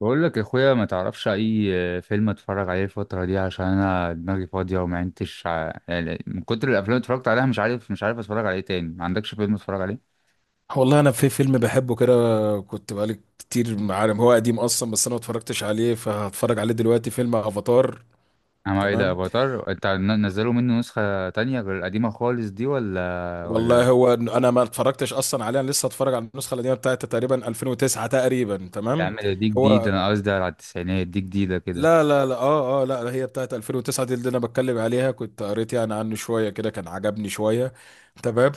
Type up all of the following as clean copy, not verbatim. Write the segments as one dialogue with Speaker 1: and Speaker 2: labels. Speaker 1: بقول لك يا اخويا، ما تعرفش اي فيلم اتفرج عليه الفتره دي؟ عشان انا دماغي فاضيه وما عدتش يعني من كتر الافلام اللي اتفرجت عليها مش عارف اتفرج عليه تاني. ما عندكش فيلم اتفرج عليه؟
Speaker 2: والله انا في فيلم بحبه كده. كنت بقالي كتير، عارف، هو قديم اصلا بس انا ما اتفرجتش عليه، فهتفرج عليه دلوقتي فيلم افاتار.
Speaker 1: اما ايه ده
Speaker 2: تمام.
Speaker 1: افاتار، انت نزلوا منه نسخه تانية غير القديمه خالص دي ولا؟
Speaker 2: والله هو إن انا ما اتفرجتش اصلا عليه، انا لسه هتفرج على النسخه القديمه بتاعت تقريبا 2009 تقريبا.
Speaker 1: يا
Speaker 2: تمام.
Speaker 1: عم ده، دي جديده،
Speaker 2: هو
Speaker 1: انا قصدي على التسعينات، دي جديده كده.
Speaker 2: لا اه لا، هي بتاعت 2009 دي اللي انا بتكلم عليها. كنت قريت عنه شويه كده، كان عجبني شويه. تمام.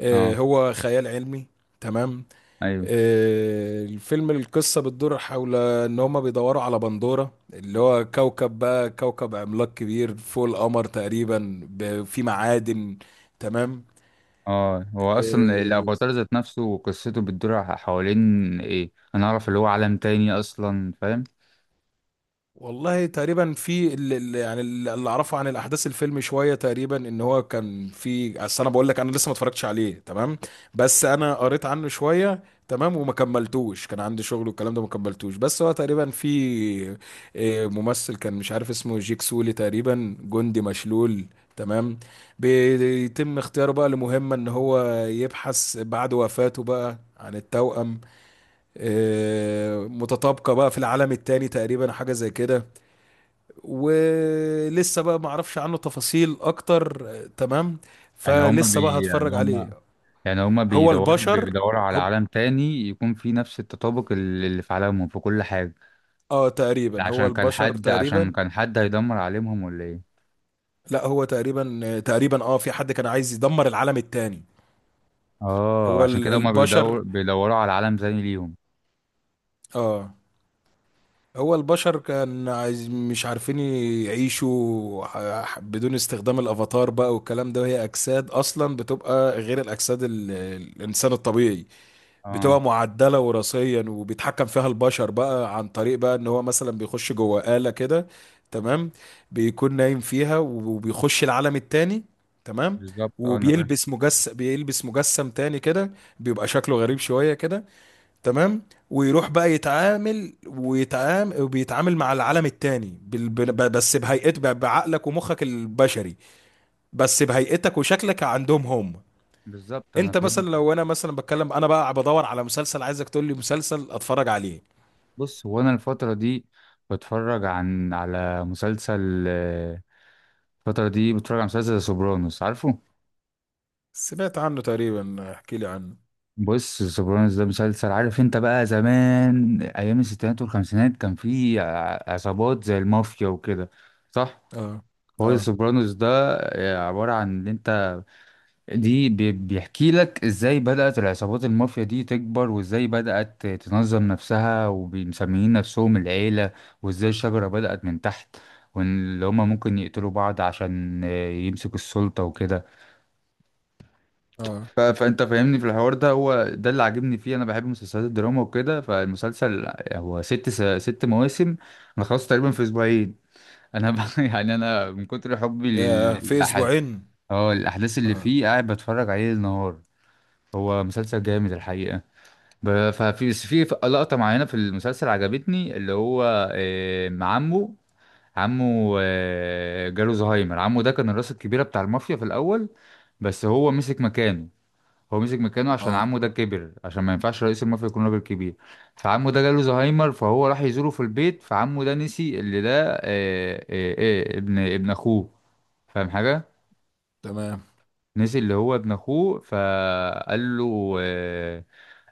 Speaker 2: آه،
Speaker 1: اه،
Speaker 2: هو خيال علمي. تمام.
Speaker 1: ايوه،
Speaker 2: آه، الفيلم القصة بتدور حول ان هما بيدوروا على بندورة اللي هو كوكب، بقى كوكب عملاق كبير فوق القمر تقريبا، فيه معادن. تمام.
Speaker 1: اه. هو اصلا
Speaker 2: مم.
Speaker 1: الافاتار ذات نفسه وقصته بتدور حوالين ايه؟ انا اعرف اللي هو عالم تاني اصلا، فاهم؟
Speaker 2: والله تقريبا في ال- ال- يعني ال- اللي اعرفه عن الاحداث الفيلم شويه. تقريبا ان هو كان في اصل، انا بقول لك انا لسه ما اتفرجتش عليه. تمام. بس انا قريت عنه شويه. تمام. وما كملتوش، كان عندي شغل والكلام ده ما كملتوش. بس هو تقريبا في آه، ممثل كان، مش عارف اسمه، جيك سولي تقريبا، جندي مشلول. تمام. بيتم اختياره بقى لمهمه ان هو يبحث بعد وفاته بقى عن التوأم آه، متطابقه بقى في العالم التاني، تقريبا حاجه زي كده. ولسه بقى ما اعرفش عنه تفاصيل اكتر، آه، تمام.
Speaker 1: يعني هما
Speaker 2: فلسه بقى
Speaker 1: بي يعني
Speaker 2: هتفرج عليه.
Speaker 1: هما يعني هما
Speaker 2: هو
Speaker 1: بيدوروا
Speaker 2: البشر
Speaker 1: بيدوروا على
Speaker 2: هم،
Speaker 1: عالم تاني يكون فيه نفس التطابق اللي في عالمهم في كل حاجة.
Speaker 2: اه،
Speaker 1: ده
Speaker 2: تقريبا هو
Speaker 1: عشان كان
Speaker 2: البشر
Speaker 1: حد عشان
Speaker 2: تقريبا.
Speaker 1: كان حد هيدمر عالمهم ولا ايه؟
Speaker 2: لا، هو تقريبا آه، تقريبا اه في حد كان عايز يدمر العالم التاني.
Speaker 1: اه،
Speaker 2: هو
Speaker 1: عشان كده هما
Speaker 2: البشر،
Speaker 1: بيدوروا على عالم زي ليهم.
Speaker 2: اه، هو البشر كان عايز، مش عارفين يعيشوا بدون استخدام الافاتار بقى والكلام ده. وهي اجساد اصلا بتبقى غير الاجساد الانسان الطبيعي،
Speaker 1: اه،
Speaker 2: بتبقى معدلة وراثيا وبيتحكم فيها البشر بقى، عن طريق بقى ان هو مثلا بيخش جوه آلة كده. تمام. بيكون نايم فيها وبيخش العالم التاني. تمام.
Speaker 1: بالظبط، اه انا فاهم.
Speaker 2: وبيلبس مجسم، بيلبس مجسم تاني كده، بيبقى شكله غريب شوية كده. تمام. ويروح بقى يتعامل ويتعامل وبيتعامل مع العالم التاني بعقلك ومخك البشري، بس بهيئتك وشكلك عندهم هم.
Speaker 1: بالظبط، انا
Speaker 2: انت
Speaker 1: فاهم.
Speaker 2: مثلا، لو انا مثلا بتكلم، انا بقى بدور على مسلسل، عايزك تقول لي مسلسل اتفرج عليه.
Speaker 1: بص، هو انا الفترة دي بتفرج على مسلسل، الفترة دي بتفرج على مسلسل سوبرانوس، عارفه؟
Speaker 2: سمعت عنه تقريبا، احكي لي عنه.
Speaker 1: بص، سوبرانوس ده مسلسل، عارف انت بقى زمان ايام الستينات والخمسينات كان في عصابات زي المافيا وكده، صح؟
Speaker 2: اه.
Speaker 1: هو
Speaker 2: اه.
Speaker 1: سوبرانوس ده عبارة عن ان انت دي بيحكي لك ازاي بدأت العصابات المافيا دي تكبر، وازاي بدأت تنظم نفسها ومسميين نفسهم العيلة، وازاي الشجرة بدأت من تحت، وان اللي هما ممكن يقتلوا بعض عشان يمسكوا السلطة وكده.
Speaker 2: اه.
Speaker 1: فانت فاهمني، في الحوار ده هو ده اللي عاجبني فيه، انا بحب مسلسلات الدراما وكده. فالمسلسل هو ست مواسم، انا خلصت تقريبا في اسبوعين. انا ب... يعني انا من كتر حبي
Speaker 2: يا في
Speaker 1: للأحد،
Speaker 2: اسبوعين.
Speaker 1: اه الاحداث اللي
Speaker 2: اه.
Speaker 1: فيه، قاعد بتفرج عليه النهار. هو مسلسل جامد الحقيقة. ب... ففي بس في لقطة معينة في المسلسل عجبتني، اللي هو مع عمه. عمه جاله زهايمر. عمه ده كان الراس الكبيرة بتاع المافيا في الأول، بس هو مسك مكانه. هو مسك مكانه عشان
Speaker 2: اه.
Speaker 1: عمه ده كبر، عشان ما ينفعش رئيس المافيا يكون راجل كبير. فعمه ده جاله زهايمر، فهو راح يزوره في البيت. فعمه ده نسي اللي ده، ابن اخوه، فاهم حاجة؟
Speaker 2: تمام.
Speaker 1: نسي اللي هو ابن اخوه، فقال له،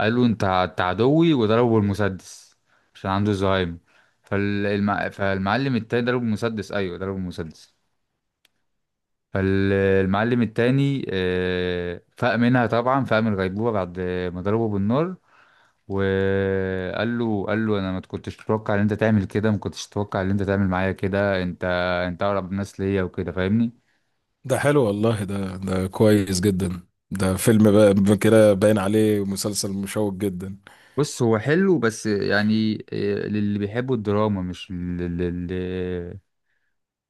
Speaker 1: قال له: انت عدوي، وضربه بالمسدس، عشان عنده زهايمر. فالمعلم التاني ضربه بالمسدس، ايوه ضربه بالمسدس. فالمعلم التاني فاق منها طبعا، فاق من الغيبوبة بعد ما ضربه بالنار. وقال له، قال له انا ما كنتش اتوقع ان انت تعمل كده، ما كنتش اتوقع ان انت تعمل معايا كده. انت اقرب الناس ليا وكده، فاهمني؟
Speaker 2: ده حلو والله، ده ده كويس جدا. ده فيلم بقى، كده باين عليه مسلسل مشوق جدا.
Speaker 1: بص، هو حلو بس يعني للي بيحبوا الدراما، مش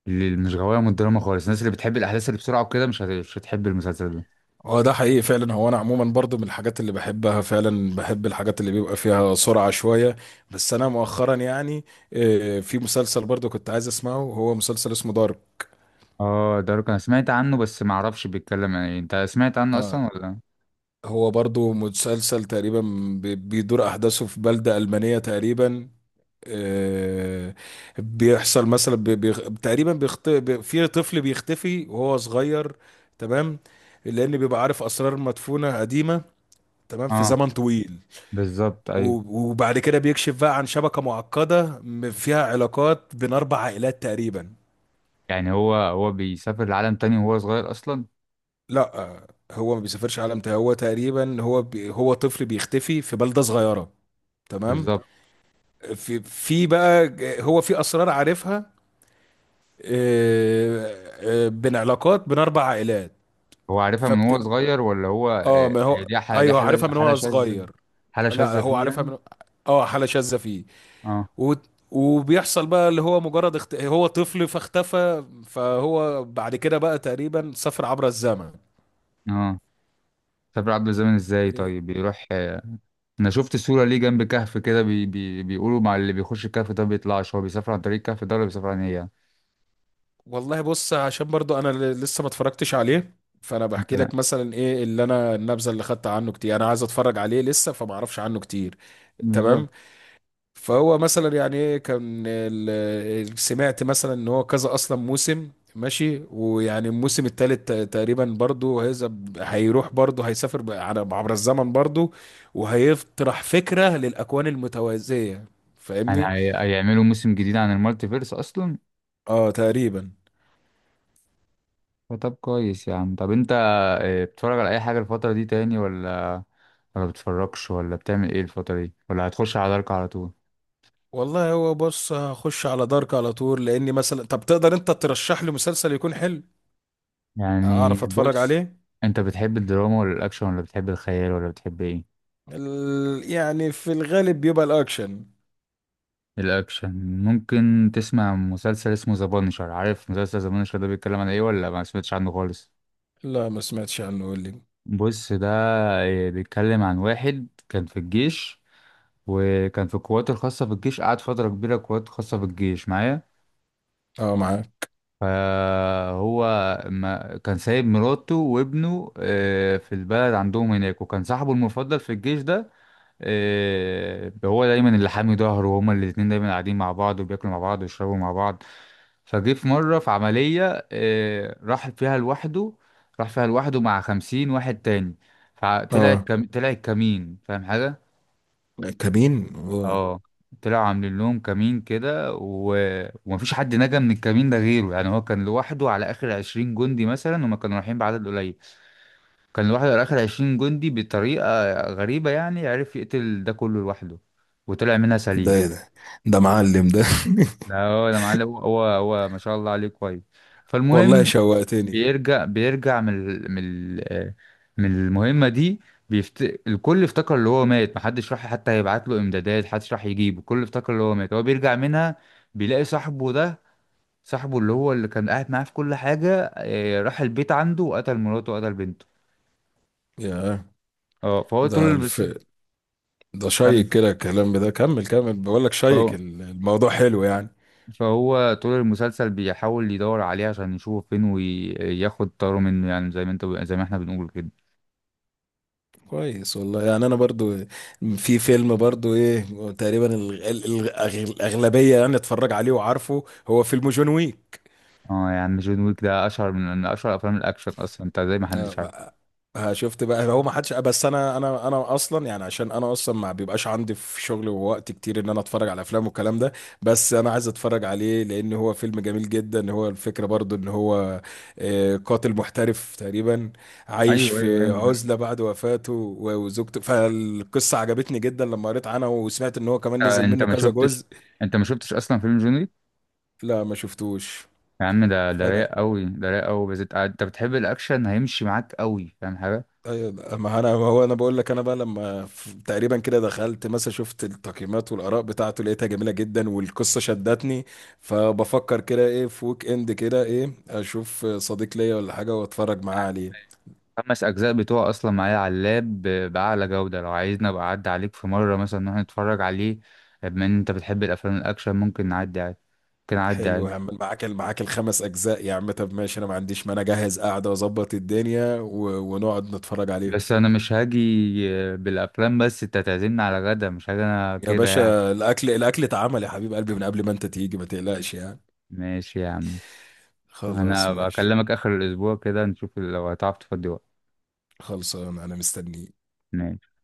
Speaker 1: مش غوايه من الدراما خالص. الناس اللي بتحب الاحداث اللي بسرعه وكده مش هتحب المسلسل ده.
Speaker 2: هو ده حقيقي فعلا. هو انا عموما برضو من الحاجات اللي بحبها فعلا، بحب الحاجات اللي بيبقى فيها سرعة شوية. بس انا مؤخرا آه، في مسلسل برضو كنت عايز اسمعه، هو مسلسل اسمه دارك.
Speaker 1: اه، دارك انا سمعت عنه بس ما اعرفش بيتكلم عن ايه، انت سمعت عنه
Speaker 2: آه.
Speaker 1: اصلا ولا؟
Speaker 2: هو برضو مسلسل تقريبا بيدور احداثه في بلدة ألمانية تقريبا. آه، بيحصل مثلا بي بي تقريبا بيخت... بي في طفل بيختفي وهو صغير. تمام. لان بيبقى عارف اسرار مدفونة قديمة. تمام، في
Speaker 1: اه،
Speaker 2: زمن طويل.
Speaker 1: بالظبط، ايوه.
Speaker 2: وبعد كده بيكشف بقى عن شبكة معقدة فيها علاقات بين 4 عائلات تقريبا.
Speaker 1: يعني هو بيسافر لعالم تاني وهو صغير اصلا؟
Speaker 2: لا آه، هو ما بيسافرش عالم تاني، هو تقريبا هو طفل بيختفي في بلدة صغيرة. تمام.
Speaker 1: بالظبط.
Speaker 2: في بقى هو في اسرار عارفها، آه، آه، بين علاقات بين اربع عائلات.
Speaker 1: هو عارفها من هو
Speaker 2: فبت
Speaker 1: صغير ولا هو
Speaker 2: اه، ما هو
Speaker 1: دي حالة دي
Speaker 2: ايوه
Speaker 1: حالة
Speaker 2: عارفها من
Speaker 1: حالة
Speaker 2: وهو
Speaker 1: شاذة،
Speaker 2: صغير.
Speaker 1: حالة
Speaker 2: لا،
Speaker 1: شاذة
Speaker 2: هو
Speaker 1: فيه
Speaker 2: عارفها
Speaker 1: يعني.
Speaker 2: من، اه، حاله شاذه فيه.
Speaker 1: اه.
Speaker 2: و... وبيحصل بقى اللي هو مجرد هو طفل فاختفى، فهو بعد كده بقى تقريبا سافر عبر الزمن،
Speaker 1: اه، سافر عبر الزمن ازاي
Speaker 2: آه،
Speaker 1: طيب؟ بيروح انا شفت صورة ليه جنب كهف كده، بي بي بيقولوا مع اللي بيخش الكهف ده بيطلعش. هو بيسافر عن طريق الكهف ده ولا بيسافر عن ايه يعني؟
Speaker 2: والله بص، عشان برضو انا لسه ما اتفرجتش عليه. فانا بحكي
Speaker 1: انت
Speaker 2: لك مثلا ايه اللي انا النبذه اللي خدت عنه. كتير انا عايز اتفرج عليه لسه، فما اعرفش عنه كتير.
Speaker 1: بالظبط،
Speaker 2: تمام. فهو مثلا يعني ايه، كان سمعت مثلا ان هو كذا اصلا موسم ماشي، ويعني الموسم الثالث تقريبا برضو هيذهب، هيروح برضو هيسافر على عبر الزمن برضو، وهيطرح فكره للاكوان المتوازيه.
Speaker 1: يعني
Speaker 2: فاهمني.
Speaker 1: هيعملوا موسم جديد عن المالتي فيرس اصلا؟
Speaker 2: اه، تقريبا.
Speaker 1: فطب كويس يا عم. طب انت بتتفرج على اي حاجة الفترة دي تاني، ولا بتتفرجش، ولا بتعمل ايه الفترة دي، ولا هتخش على دارك على طول؟
Speaker 2: والله هو، بص، هخش على دارك على طول لاني مثلا. طب تقدر انت ترشح لي مسلسل يكون حلو،
Speaker 1: يعني
Speaker 2: اعرف اتفرج
Speaker 1: بص،
Speaker 2: عليه؟
Speaker 1: انت بتحب الدراما ولا الاكشن ولا بتحب الخيال ولا بتحب ايه؟
Speaker 2: يعني في الغالب بيبقى الاكشن.
Speaker 1: الاكشن. ممكن تسمع مسلسل اسمه ذا بانشر، عارف مسلسل ذا بانشر ده بيتكلم عن ايه ولا ما سمعتش عنه خالص؟
Speaker 2: لا، ما سمعتش عنه، قول لي.
Speaker 1: بص، ده بيتكلم عن واحد كان في الجيش، وكان في القوات الخاصة في الجيش، قعد فترة كبيرة قوات خاصة في الجيش معايا.
Speaker 2: اه، معاك.
Speaker 1: فهو ما كان سايب مراته وابنه في البلد عندهم هناك، وكان صاحبه المفضل في الجيش ده هو دايما اللي حامي ظهره، وهما الاتنين دايما قاعدين مع بعض وبياكلوا مع بعض ويشربوا مع بعض. فجه في مرة في عملية راح فيها لوحده، راح فيها لوحده مع 50 واحد تاني.
Speaker 2: اه،
Speaker 1: طلع كمين، فاهم حاجة؟
Speaker 2: كابين، آه.
Speaker 1: اه، طلعوا عاملين لهم كمين كده، و... ومفيش حد نجا من الكمين ده غيره. يعني هو كان لوحده على آخر 20 جندي مثلا، هما كانوا رايحين بعدد قليل. كان لوحده على آخر عشرين جندي بطريقة غريبة، يعني عرف يقتل ده كله لوحده وطلع منها
Speaker 2: ده
Speaker 1: سليم.
Speaker 2: ايه ده؟ ده معلم ده.
Speaker 1: لا، هو ده معلم، هو ما شاء الله عليه كويس.
Speaker 2: والله
Speaker 1: فالمهم،
Speaker 2: شوقتني،
Speaker 1: بيرجع من ال- من ال- آه، من المهمة دي. الكل افتكر اللي هو مات، محدش راح حتى يبعت له امدادات، محدش راح يجيبه. الكل افتكر اللي هو مات. هو بيرجع منها، بيلاقي صاحبه ده، صاحبه اللي هو اللي كان قاعد معاه في كل حاجة راح البيت عنده وقتل مراته وقتل بنته.
Speaker 2: يا
Speaker 1: اه فهو
Speaker 2: ده
Speaker 1: طول بس.
Speaker 2: ده
Speaker 1: كمل.
Speaker 2: شيق كده الكلام ده، كمل. كمل، بقول لك، شيق
Speaker 1: فهو
Speaker 2: الموضوع حلو يعني.
Speaker 1: فهو طول المسلسل بيحاول يدور عليه عشان يشوف فين وياخد طاره منه، يعني زي ما انت، زي ما احنا بنقول كده.
Speaker 2: كويس والله. يعني انا برضو، في فيلم برضو ايه، تقريبا الاغلبيه يعني اتفرج عليه وعارفه، هو فيلم جون ويك.
Speaker 1: اه يا عم، جون ويك ده اشهر من اشهر افلام الاكشن اصلا، انت زي ما حدش
Speaker 2: آه،
Speaker 1: عارف.
Speaker 2: بقى، آه، شفت بقى، هو ما حدش. بس انا اصلا يعني عشان انا اصلا ما بيبقاش عندي في شغل ووقت كتير ان انا اتفرج على افلام والكلام ده. بس انا عايز اتفرج عليه لان هو فيلم جميل جدا. هو الفكره برضو ان هو آه، قاتل محترف تقريبا، عايش
Speaker 1: ايوه، ايوه، ايوه،
Speaker 2: في
Speaker 1: انت
Speaker 2: عزله بعد وفاته وزوجته. فالقصه عجبتني جدا لما قريت عنها، وسمعت ان هو كمان نزل منه
Speaker 1: ما
Speaker 2: كذا
Speaker 1: شفتش،
Speaker 2: جزء.
Speaker 1: انت ما شفتش اصلا فيلم جون ويك؟
Speaker 2: لا، ما شفتوش.
Speaker 1: يا عم ده، ده
Speaker 2: فانا
Speaker 1: رايق قوي، ده رايق قوي، بس انت بتحب الاكشن هيمشي معاك قوي، فاهم حاجه؟
Speaker 2: أيوة، ما هو انا بقول لك، انا بقى لما تقريبا كده دخلت مثلا شفت التقييمات والاراء بتاعته، لقيتها جميله جدا والقصه شدتني. فبفكر كده ايه في ويك اند كده، ايه، اشوف صديق ليا ولا حاجه واتفرج معاه عليه.
Speaker 1: خمس اجزاء بتوع اصلا معايا على اللاب باعلى جوده، لو عايزنا ابقى اعدي عليك في مره مثلا نروح نتفرج عليه. بما ان انت بتحب الافلام الاكشن ممكن نعدي عادي، ممكن اعدي
Speaker 2: حلو،
Speaker 1: عادي.
Speaker 2: هعمل معاك ال5 اجزاء يا عم. طب ماشي، انا ما عنديش مانع، اجهز قاعده واظبط الدنيا و... ونقعد نتفرج عليهم.
Speaker 1: بس انا مش هاجي بالافلام بس، انت تعزمني على غدا، مش هاجي انا
Speaker 2: يا
Speaker 1: كده يعني.
Speaker 2: باشا، الاكل اتعمل يا حبيب قلبي من قبل ما انت تيجي، ما تقلقش يعني.
Speaker 1: ماشي يا عم.
Speaker 2: خلاص
Speaker 1: انا
Speaker 2: ماشي.
Speaker 1: بكلمك اخر الاسبوع كده نشوف لو هتعرف تفضي وقت.
Speaker 2: خلصان، انا مستنيك.
Speaker 1: ماشي.